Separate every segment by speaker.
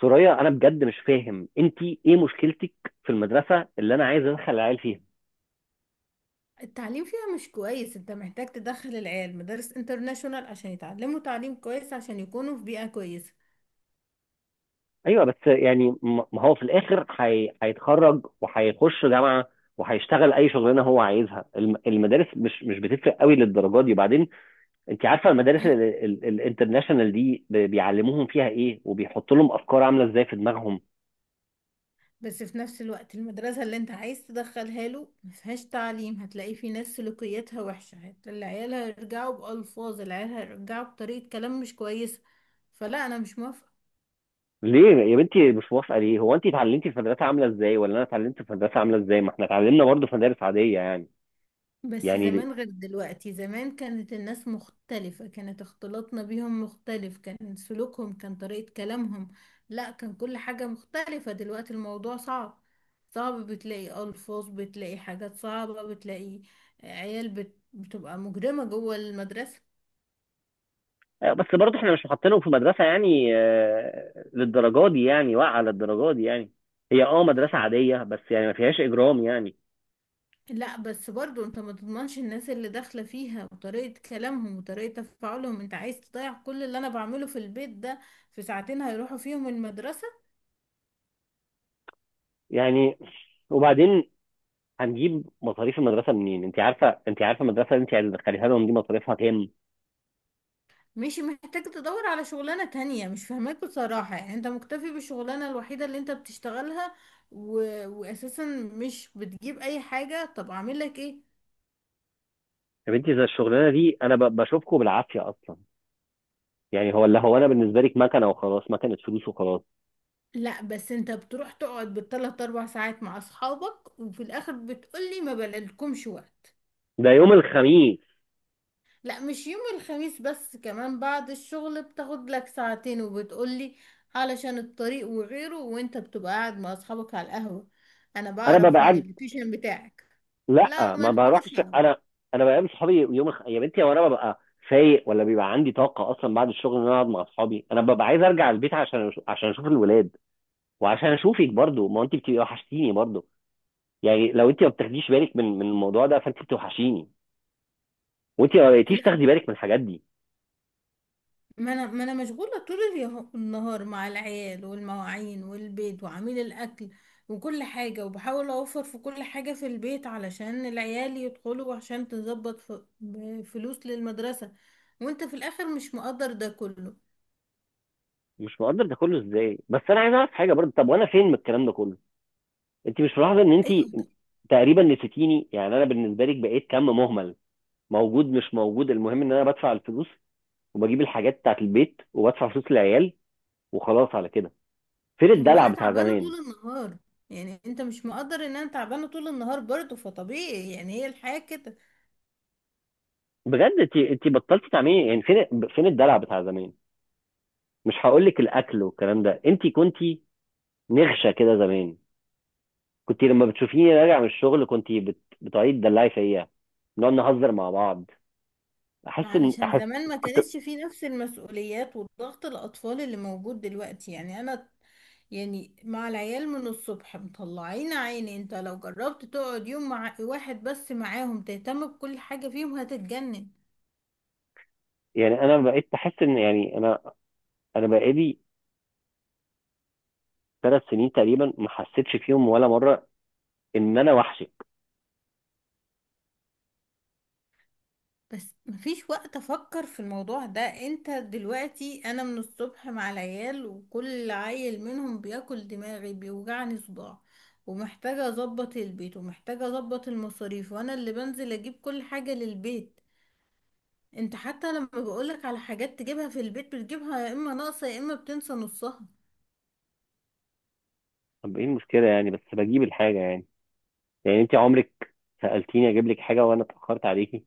Speaker 1: سوريا، انا بجد مش فاهم انت ايه مشكلتك في المدرسه اللي انا عايز ادخل العيال فيها.
Speaker 2: التعليم فيها مش كويس. انت محتاج تدخل العيال مدارس انترناشونال عشان يتعلموا تعليم كويس، عشان يكونوا في بيئة كويسة.
Speaker 1: ايوه، بس يعني ما هو في الاخر هيتخرج وهيخش جامعه، وهيشتغل اي شغلانه هو عايزها. المدارس مش بتفرق قوي للدرجه دي. وبعدين انت عارفه المدارس الانترناشونال دي بيعلموهم فيها ايه، وبيحطوا لهم افكار عامله ازاي في دماغهم.
Speaker 2: بس في نفس الوقت المدرسة اللي انت عايز تدخلها له مفيهاش تعليم، هتلاقي في ناس سلوكياتها وحشة، العيال هيرجعوا بألفاظ، العيال هيرجعوا بطريقة كلام مش كويسة. فلا، انا مش موافقة.
Speaker 1: ليه يا بنتي مش موافقه؟ ليه، هو انت اتعلمتي في مدرسه عامله ازاي، ولا انا اتعلمت في مدرسه عامله ازاي؟ ما احنا اتعلمنا برضه في مدارس عاديه يعني.
Speaker 2: بس
Speaker 1: يعني.
Speaker 2: زمان غير دلوقتي، زمان كانت الناس مختلفة، كانت اختلاطنا بيهم مختلف، كان سلوكهم، كان طريقة كلامهم. لا، كان كل حاجة مختلفة، دلوقتي الموضوع صعب. صعب، بتلاقي ألفاظ، بتلاقي حاجات صعبة، بتلاقي عيال بتبقى مجرمة جوه المدرسة.
Speaker 1: آه، بس برضه احنا مش محطينهم في مدرسة يعني آه، للدرجة دي، يعني واقعة للدرجة دي يعني. هي مدرسة عادية، بس يعني ما فيهاش إجرام يعني.
Speaker 2: لا بس برضو انت ما تضمنش الناس اللي داخلة فيها وطريقة كلامهم وطريقة تفاعلهم. انت عايز تضيع كل اللي انا بعمله في البيت ده في ساعتين هيروحوا فيهم المدرسة؟
Speaker 1: يعني. وبعدين، هنجيب مصاريف المدرسة منين؟ انت عارفة المدرسة اللي انت هتدخليها لهم دي مصاريفها كام؟
Speaker 2: ماشي، محتاج تدور على شغلانة تانية، مش فاهماك بصراحة. يعني انت مكتفي بالشغلانة الوحيدة اللي انت بتشتغلها و... واساسا مش بتجيب اي حاجة، طب اعمل لك ايه؟
Speaker 1: يا بنتي، زي الشغلانة دي انا بشوفكم بالعافية اصلا. يعني هو اللي هو انا بالنسبة لك مكنة وخلاص، مكنة فلوس وخلاص.
Speaker 2: لا بس انت بتروح تقعد بالثلاث اربع ساعات مع اصحابك وفي الاخر بتقولي ما بلاقيلكمش وقت.
Speaker 1: ده يوم الخميس.
Speaker 2: لا، مش يوم الخميس بس، كمان بعد الشغل بتاخد لك ساعتين وبتقولي علشان الطريق وغيره، وانت بتبقى قاعد مع اصحابك على القهوة، انا
Speaker 1: انا ببقى
Speaker 2: بعرف من
Speaker 1: قاعد.
Speaker 2: اللوكيشن بتاعك.
Speaker 1: لا،
Speaker 2: لا ما
Speaker 1: ما
Speaker 2: نحورش
Speaker 1: بروحش
Speaker 2: على
Speaker 1: انا. انا بقابل صحابي يوم يا بنتي، هو انا ببقى فايق، ولا بيبقى عندي طاقه اصلا بعد الشغل ان انا اقعد مع اصحابي؟ انا ببقى عايز ارجع البيت عشان اشوف الولاد، وعشان اشوفك برضو، ما انت بتبقي وحشتيني برضو. يعني لو انت ما بتاخديش بالك من الموضوع ده، فانت بتوحشيني. وانت ما بقيتيش
Speaker 2: بعض.
Speaker 1: تاخدي بالك من الحاجات دي.
Speaker 2: ما انا مشغوله طول النهار مع العيال والمواعين والبيت وعميل الاكل وكل حاجه، وبحاول اوفر في كل حاجه في البيت علشان العيال يدخلوا وعشان تظبط فلوس للمدرسه، وانت في الاخر مش مقدر ده كله.
Speaker 1: مش مقدر ده كله ازاي؟ بس انا عايز اعرف حاجه برضو، طب وانا فين من الكلام ده كله؟ انت مش ملاحظه ان انت
Speaker 2: ايوه، طب
Speaker 1: تقريبا نسيتيني؟ يعني انا بالنسبه لك بقيت كم مهمل، موجود مش موجود، المهم ان انا بدفع الفلوس وبجيب الحاجات بتاعت البيت وبدفع فلوس العيال وخلاص على كده. فين
Speaker 2: طب ما
Speaker 1: الدلع
Speaker 2: انا
Speaker 1: بتاع
Speaker 2: تعبانه
Speaker 1: زمان؟
Speaker 2: طول النهار. يعني انت مش مقدر ان انا تعبانه طول النهار برضه؟ فطبيعي يعني، هي الحياه كده.
Speaker 1: بجد انت بطلتي تعملي. يعني فين الدلع بتاع زمان؟ مش هقول لك الاكل والكلام ده. انت كنتي نغشه كده زمان. كنت لما بتشوفيني راجع من الشغل كنت بتقعدي تدلعي فيا، نقعد نهزر مع بعض.
Speaker 2: ما علشان
Speaker 1: احس.
Speaker 2: زمان ما
Speaker 1: كنت،
Speaker 2: كانتش في نفس المسؤوليات والضغط الأطفال اللي موجود دلوقتي. يعني أنا يعني مع العيال من الصبح مطلعين عيني، انت لو جربت تقعد يوم مع واحد بس معاهم تهتم بكل حاجة فيهم هتتجنن.
Speaker 1: يعني انا بقيت بحس ان، يعني انا انا بقالي 3 سنين تقريبا ما حسيتش فيهم ولا مره ان انا وحشك.
Speaker 2: بس مفيش وقت افكر في الموضوع ده، انت دلوقتي انا من الصبح مع العيال وكل عيل منهم بياكل دماغي بيوجعني صداع، ومحتاجة اظبط البيت، ومحتاجة اظبط المصاريف، وانا اللي بنزل اجيب كل حاجة للبيت. انت حتى لما بقولك على حاجات تجيبها في البيت بتجيبها يا اما ناقصة يا اما بتنسى نصها،
Speaker 1: طب ايه المشكله يعني؟ بس بجيب الحاجه يعني. يعني انت عمرك سالتيني اجيب لك حاجه وانا اتاخرت عليكي؟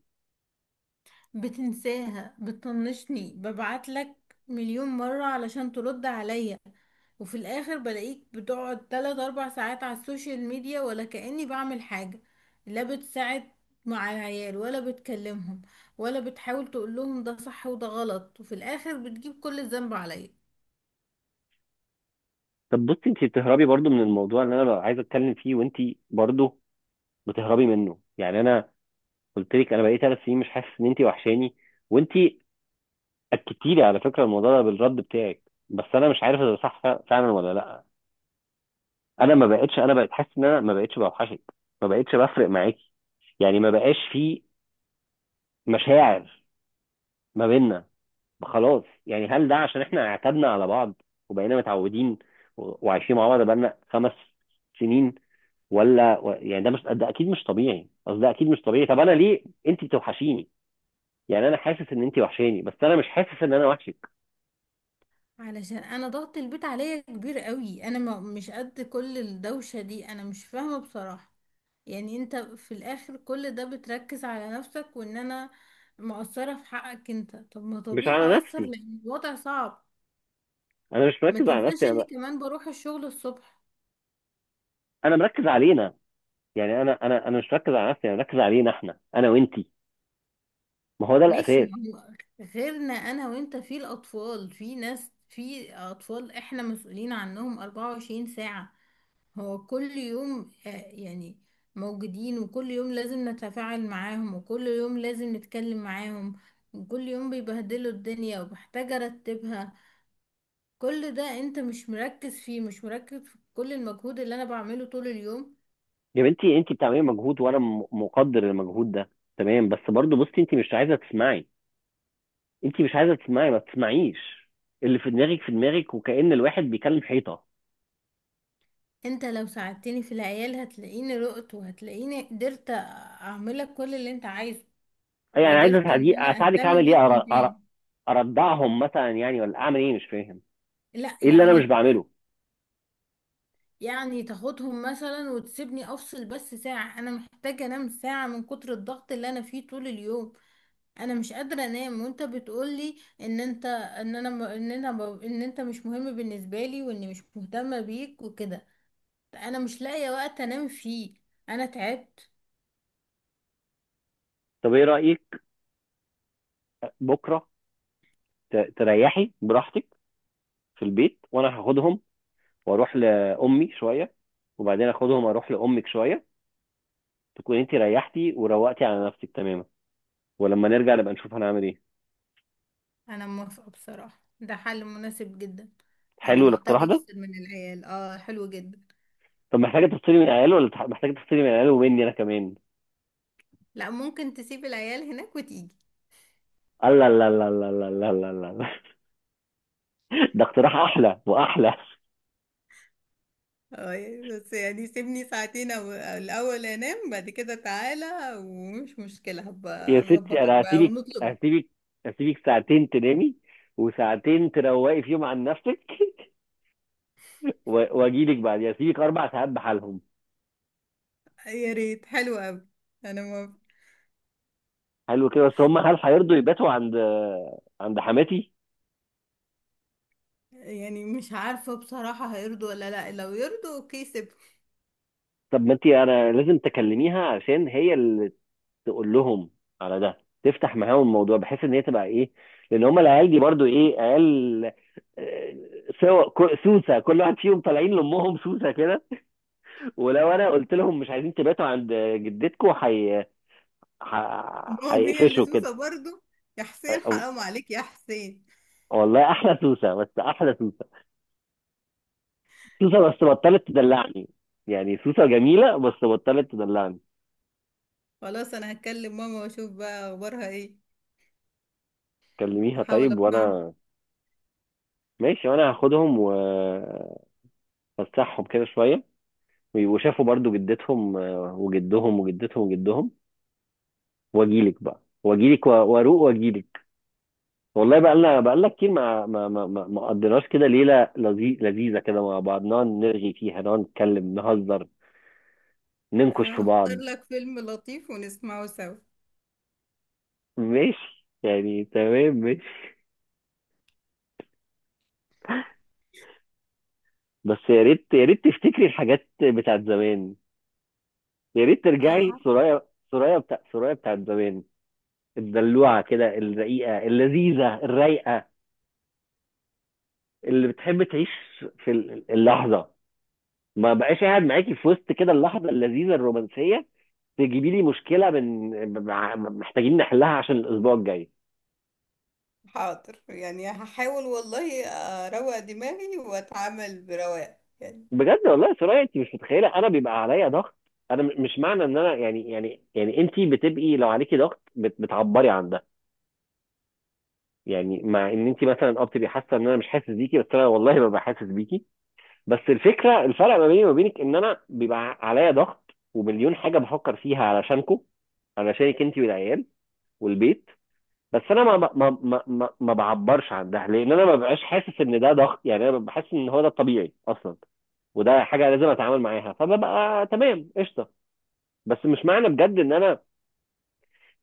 Speaker 2: بتنساها، بتطنشني، ببعتلك مليون مرة علشان ترد عليا، وفي الاخر بلاقيك بتقعد تلات اربع ساعات على السوشيال ميديا، ولا كأني بعمل حاجة. لا بتساعد مع العيال، ولا بتكلمهم، ولا بتحاول تقولهم ده صح وده غلط، وفي الاخر بتجيب كل الذنب عليا.
Speaker 1: طب بصي، انت بتهربي برضو من الموضوع اللي انا ببقى عايز اتكلم فيه، وانت برضو بتهربي منه. يعني انا قلت لك انا بقالي 3 سنين مش حاسس ان انت وحشاني، وانت اكدتي لي على فكره الموضوع ده بالرد بتاعك. بس انا مش عارف اذا ده صح فعلا ولا لا. انا ما بقتش، انا بقيت حاسس ان انا ما بقتش بوحشك، ما بقتش بفرق معاكي. يعني ما بقاش في مشاعر ما بيننا، خلاص. يعني هل ده عشان احنا اعتدنا على بعض وبقينا متعودين وعايشين مع بعض بقالنا 5 سنين؟ ولا يعني ده مش، ده اكيد مش طبيعي. قصدي ده اكيد مش طبيعي. طب انا ليه انت بتوحشيني؟ يعني انا حاسس ان انت وحشاني، بس انا مش حاسس ان انا وحشك.
Speaker 2: علشان انا ضغط البيت عليا كبير قوي، انا ما مش قد كل الدوشة دي. انا مش فاهمة بصراحة، يعني انت في الاخر كل ده بتركز على نفسك، وان انا مقصرة في حقك. انت طب ما
Speaker 1: مش
Speaker 2: طبيعي
Speaker 1: على
Speaker 2: اقصر
Speaker 1: نفسي.
Speaker 2: لان الوضع صعب.
Speaker 1: انا مش
Speaker 2: ما
Speaker 1: مركز على
Speaker 2: تنساش
Speaker 1: نفسي،
Speaker 2: اني
Speaker 1: انا
Speaker 2: كمان بروح الشغل الصبح.
Speaker 1: انا مركز علينا. يعني انا مش مركز على نفسي، انا مركز علينا احنا، انا وانتي. ما هو ده
Speaker 2: ماشي،
Speaker 1: الاساس.
Speaker 2: ما هو غيرنا انا وانت في الاطفال، في ناس في اطفال احنا مسؤولين عنهم 24 ساعة. هو كل يوم، آه، يعني موجودين، وكل يوم لازم نتفاعل معاهم، وكل يوم لازم نتكلم معاهم، وكل يوم بيبهدلوا الدنيا وبحتاج ارتبها. كل ده انت مش مركز فيه، مش مركز في كل المجهود اللي انا بعمله طول اليوم.
Speaker 1: يا بنتي، انت بتعملي مجهود وانا مقدر المجهود ده، تمام. بس برضه بصي، انت مش عايزه تسمعي. انت مش عايزه تسمعي، ما تسمعيش. اللي في دماغك في دماغك، وكأن الواحد بيكلم حيطه.
Speaker 2: انت لو ساعدتني في العيال هتلاقيني رقت، وهتلاقيني قدرت اعملك كل اللي انت عايزه،
Speaker 1: اي انا عايز
Speaker 2: وقدرت ان
Speaker 1: اساعدك.
Speaker 2: انا
Speaker 1: اساعدك
Speaker 2: اهتم
Speaker 1: اعمل ايه؟
Speaker 2: بيك من تاني.
Speaker 1: اردعهم مثلا يعني، ولا اعمل ايه؟ مش فاهم
Speaker 2: لا
Speaker 1: ايه اللي انا مش
Speaker 2: يعني،
Speaker 1: بعمله.
Speaker 2: يعني تاخدهم مثلا وتسيبني افصل بس ساعة، انا محتاجة انام ساعة من كتر الضغط اللي انا فيه طول اليوم. انا مش قادرة انام، وانت بتقولي ان انت ان انا م- ان انا ب- ان انت مش مهم بالنسبة لي واني مش مهتمة بيك وكده. انا مش لاقية وقت انام فيه، انا تعبت.
Speaker 1: طب ايه رأيك بكره تريحي براحتك في البيت، وانا هاخدهم واروح لامي شويه، وبعدين اخدهم اروح لامك شويه. تكون انت ريحتي وروقتي على نفسك تماما، ولما نرجع نبقى نشوف هنعمل ايه.
Speaker 2: انا موافقة بصراحة، ده حل مناسب جدا. انا
Speaker 1: حلو الاقتراح
Speaker 2: محتاجة
Speaker 1: ده.
Speaker 2: افصل من العيال، اه حلو جدا.
Speaker 1: طب محتاجه تفصلي من العيال، ولا محتاجه تفصلي من العيال ومني انا كمان؟
Speaker 2: لا، ممكن تسيب العيال هناك وتيجي.
Speaker 1: الله، الله، الله، الله، الله، الله، الله، الله، الله. ده اقتراح احلى واحلى.
Speaker 2: اه، بس يعني سيبني ساعتين او الاول انام، بعد كده تعالى ومش مشكلة،
Speaker 1: يا
Speaker 2: هبقى
Speaker 1: ستي،
Speaker 2: اظبطك
Speaker 1: انا
Speaker 2: بقى ونطلب.
Speaker 1: هسيبك هسيبك ساعتين تنامي، وساعتين تروقي فيهم عن نفسك. واجيلك بعد. يعني هسيبك 4 ساعات بحالهم.
Speaker 2: يا ريت، حلو قوي. انا ما
Speaker 1: حلو كده. بس هم، هل هيرضوا يباتوا عند حماتي؟
Speaker 2: يعني مش عارفة بصراحة، هيرضوا ولا لا؟ لو يرضوا اوكي سيب.
Speaker 1: طب ما انت، انا لازم تكلميها، عشان هي اللي تقول لهم على ده، تفتح معاهم الموضوع بحيث ان هي تبقى ايه. لان هم العيال دي برضو ايه؟ عيال. آه، سوا سوسه. كل واحد فيهم طالعين لامهم سوسه كده. ولو انا قلت لهم مش عايزين تباتوا عند جدتكم،
Speaker 2: ماما هي اللي
Speaker 1: هيقفشوا كده.
Speaker 2: سوسة برضو، يا حسين
Speaker 1: أو-
Speaker 2: حرام عليك يا حسين.
Speaker 1: والله احلى سوسه، بس احلى سوسه. سوسه بس بطلت تدلعني. يعني سوسه جميله بس بطلت تدلعني.
Speaker 2: خلاص، انا هتكلم ماما واشوف بقى اخبارها ايه،
Speaker 1: كلميها
Speaker 2: احاول
Speaker 1: طيب،
Speaker 2: اقنعها.
Speaker 1: وانا. ماشي، وانا هاخدهم وفسحهم كده شويه، وشافوا برضو جدتهم وجدهم وجدتهم وجدهم. واجيلك بقى، واجيلك واروق واجيلك. والله بقى لنا، بقى لنا كتير ما قضيناش كده ليله لذيذه كده مع بعض، نقعد نرغي فيها، نقعد نتكلم نهزر، ننكش في
Speaker 2: هختار
Speaker 1: بعض.
Speaker 2: لك فيلم لطيف ونسمعه سوا.
Speaker 1: ماشي يعني، تمام، ماشي. بس يا ريت، يا ريت تفتكري الحاجات بتاعت زمان. يا ريت ترجعي سرايا، سرايا بتاع سرايا بتاعت زمان. الدلوعه كده، الرقيقه اللذيذه الرايقه، اللي بتحب تعيش في اللحظه. ما بقاش قاعد معاكي في وسط كده اللحظه اللذيذه الرومانسيه. تجيبي لي مشكله محتاجين نحلها عشان الاسبوع الجاي.
Speaker 2: حاضر، يعني هحاول والله اروق دماغي واتعامل برواق يعني.
Speaker 1: بجد والله يا سرايا، انت مش متخيله انا بيبقى عليا ضغط. انا مش معنى ان انا، يعني انت بتبقي لو عليكي ضغط بتعبري عن ده. يعني مع ان انت مثلا بتبقي حاسه ان انا مش حاسس بيكي، بس انا والله ببقى حاسس بيكي. بس الفكره، الفرق ما بيني وما بينك، ان انا بيبقى عليا ضغط ومليون حاجه بفكر فيها علشانكم، علشانك انت والعيال والبيت. بس انا ما بعبرش عن ده، لان انا ما ببقاش حاسس ان ده ضغط. يعني انا بحس ان هو ده الطبيعي اصلا، وده حاجه لازم اتعامل معاها، فببقى تمام قشطه. بس مش معنى بجد ان انا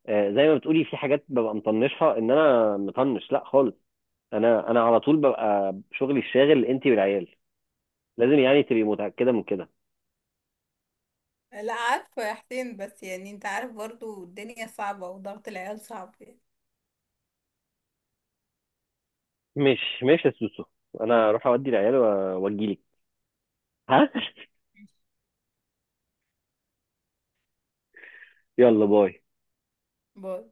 Speaker 1: آه، زي ما بتقولي في حاجات ببقى مطنشها، ان انا مطنش. لا خالص. انا على طول ببقى شغلي الشاغل انتي والعيال. لازم يعني تبقي متاكده من كده.
Speaker 2: لا عارفة يا حسين، بس يعني انت عارف برضو الدنيا صعبة، وضغط العيال صعب يعني.
Speaker 1: مش يا سوسو، انا اروح اودي العيال واجيلك. ها. يلا باي.
Speaker 2: باي.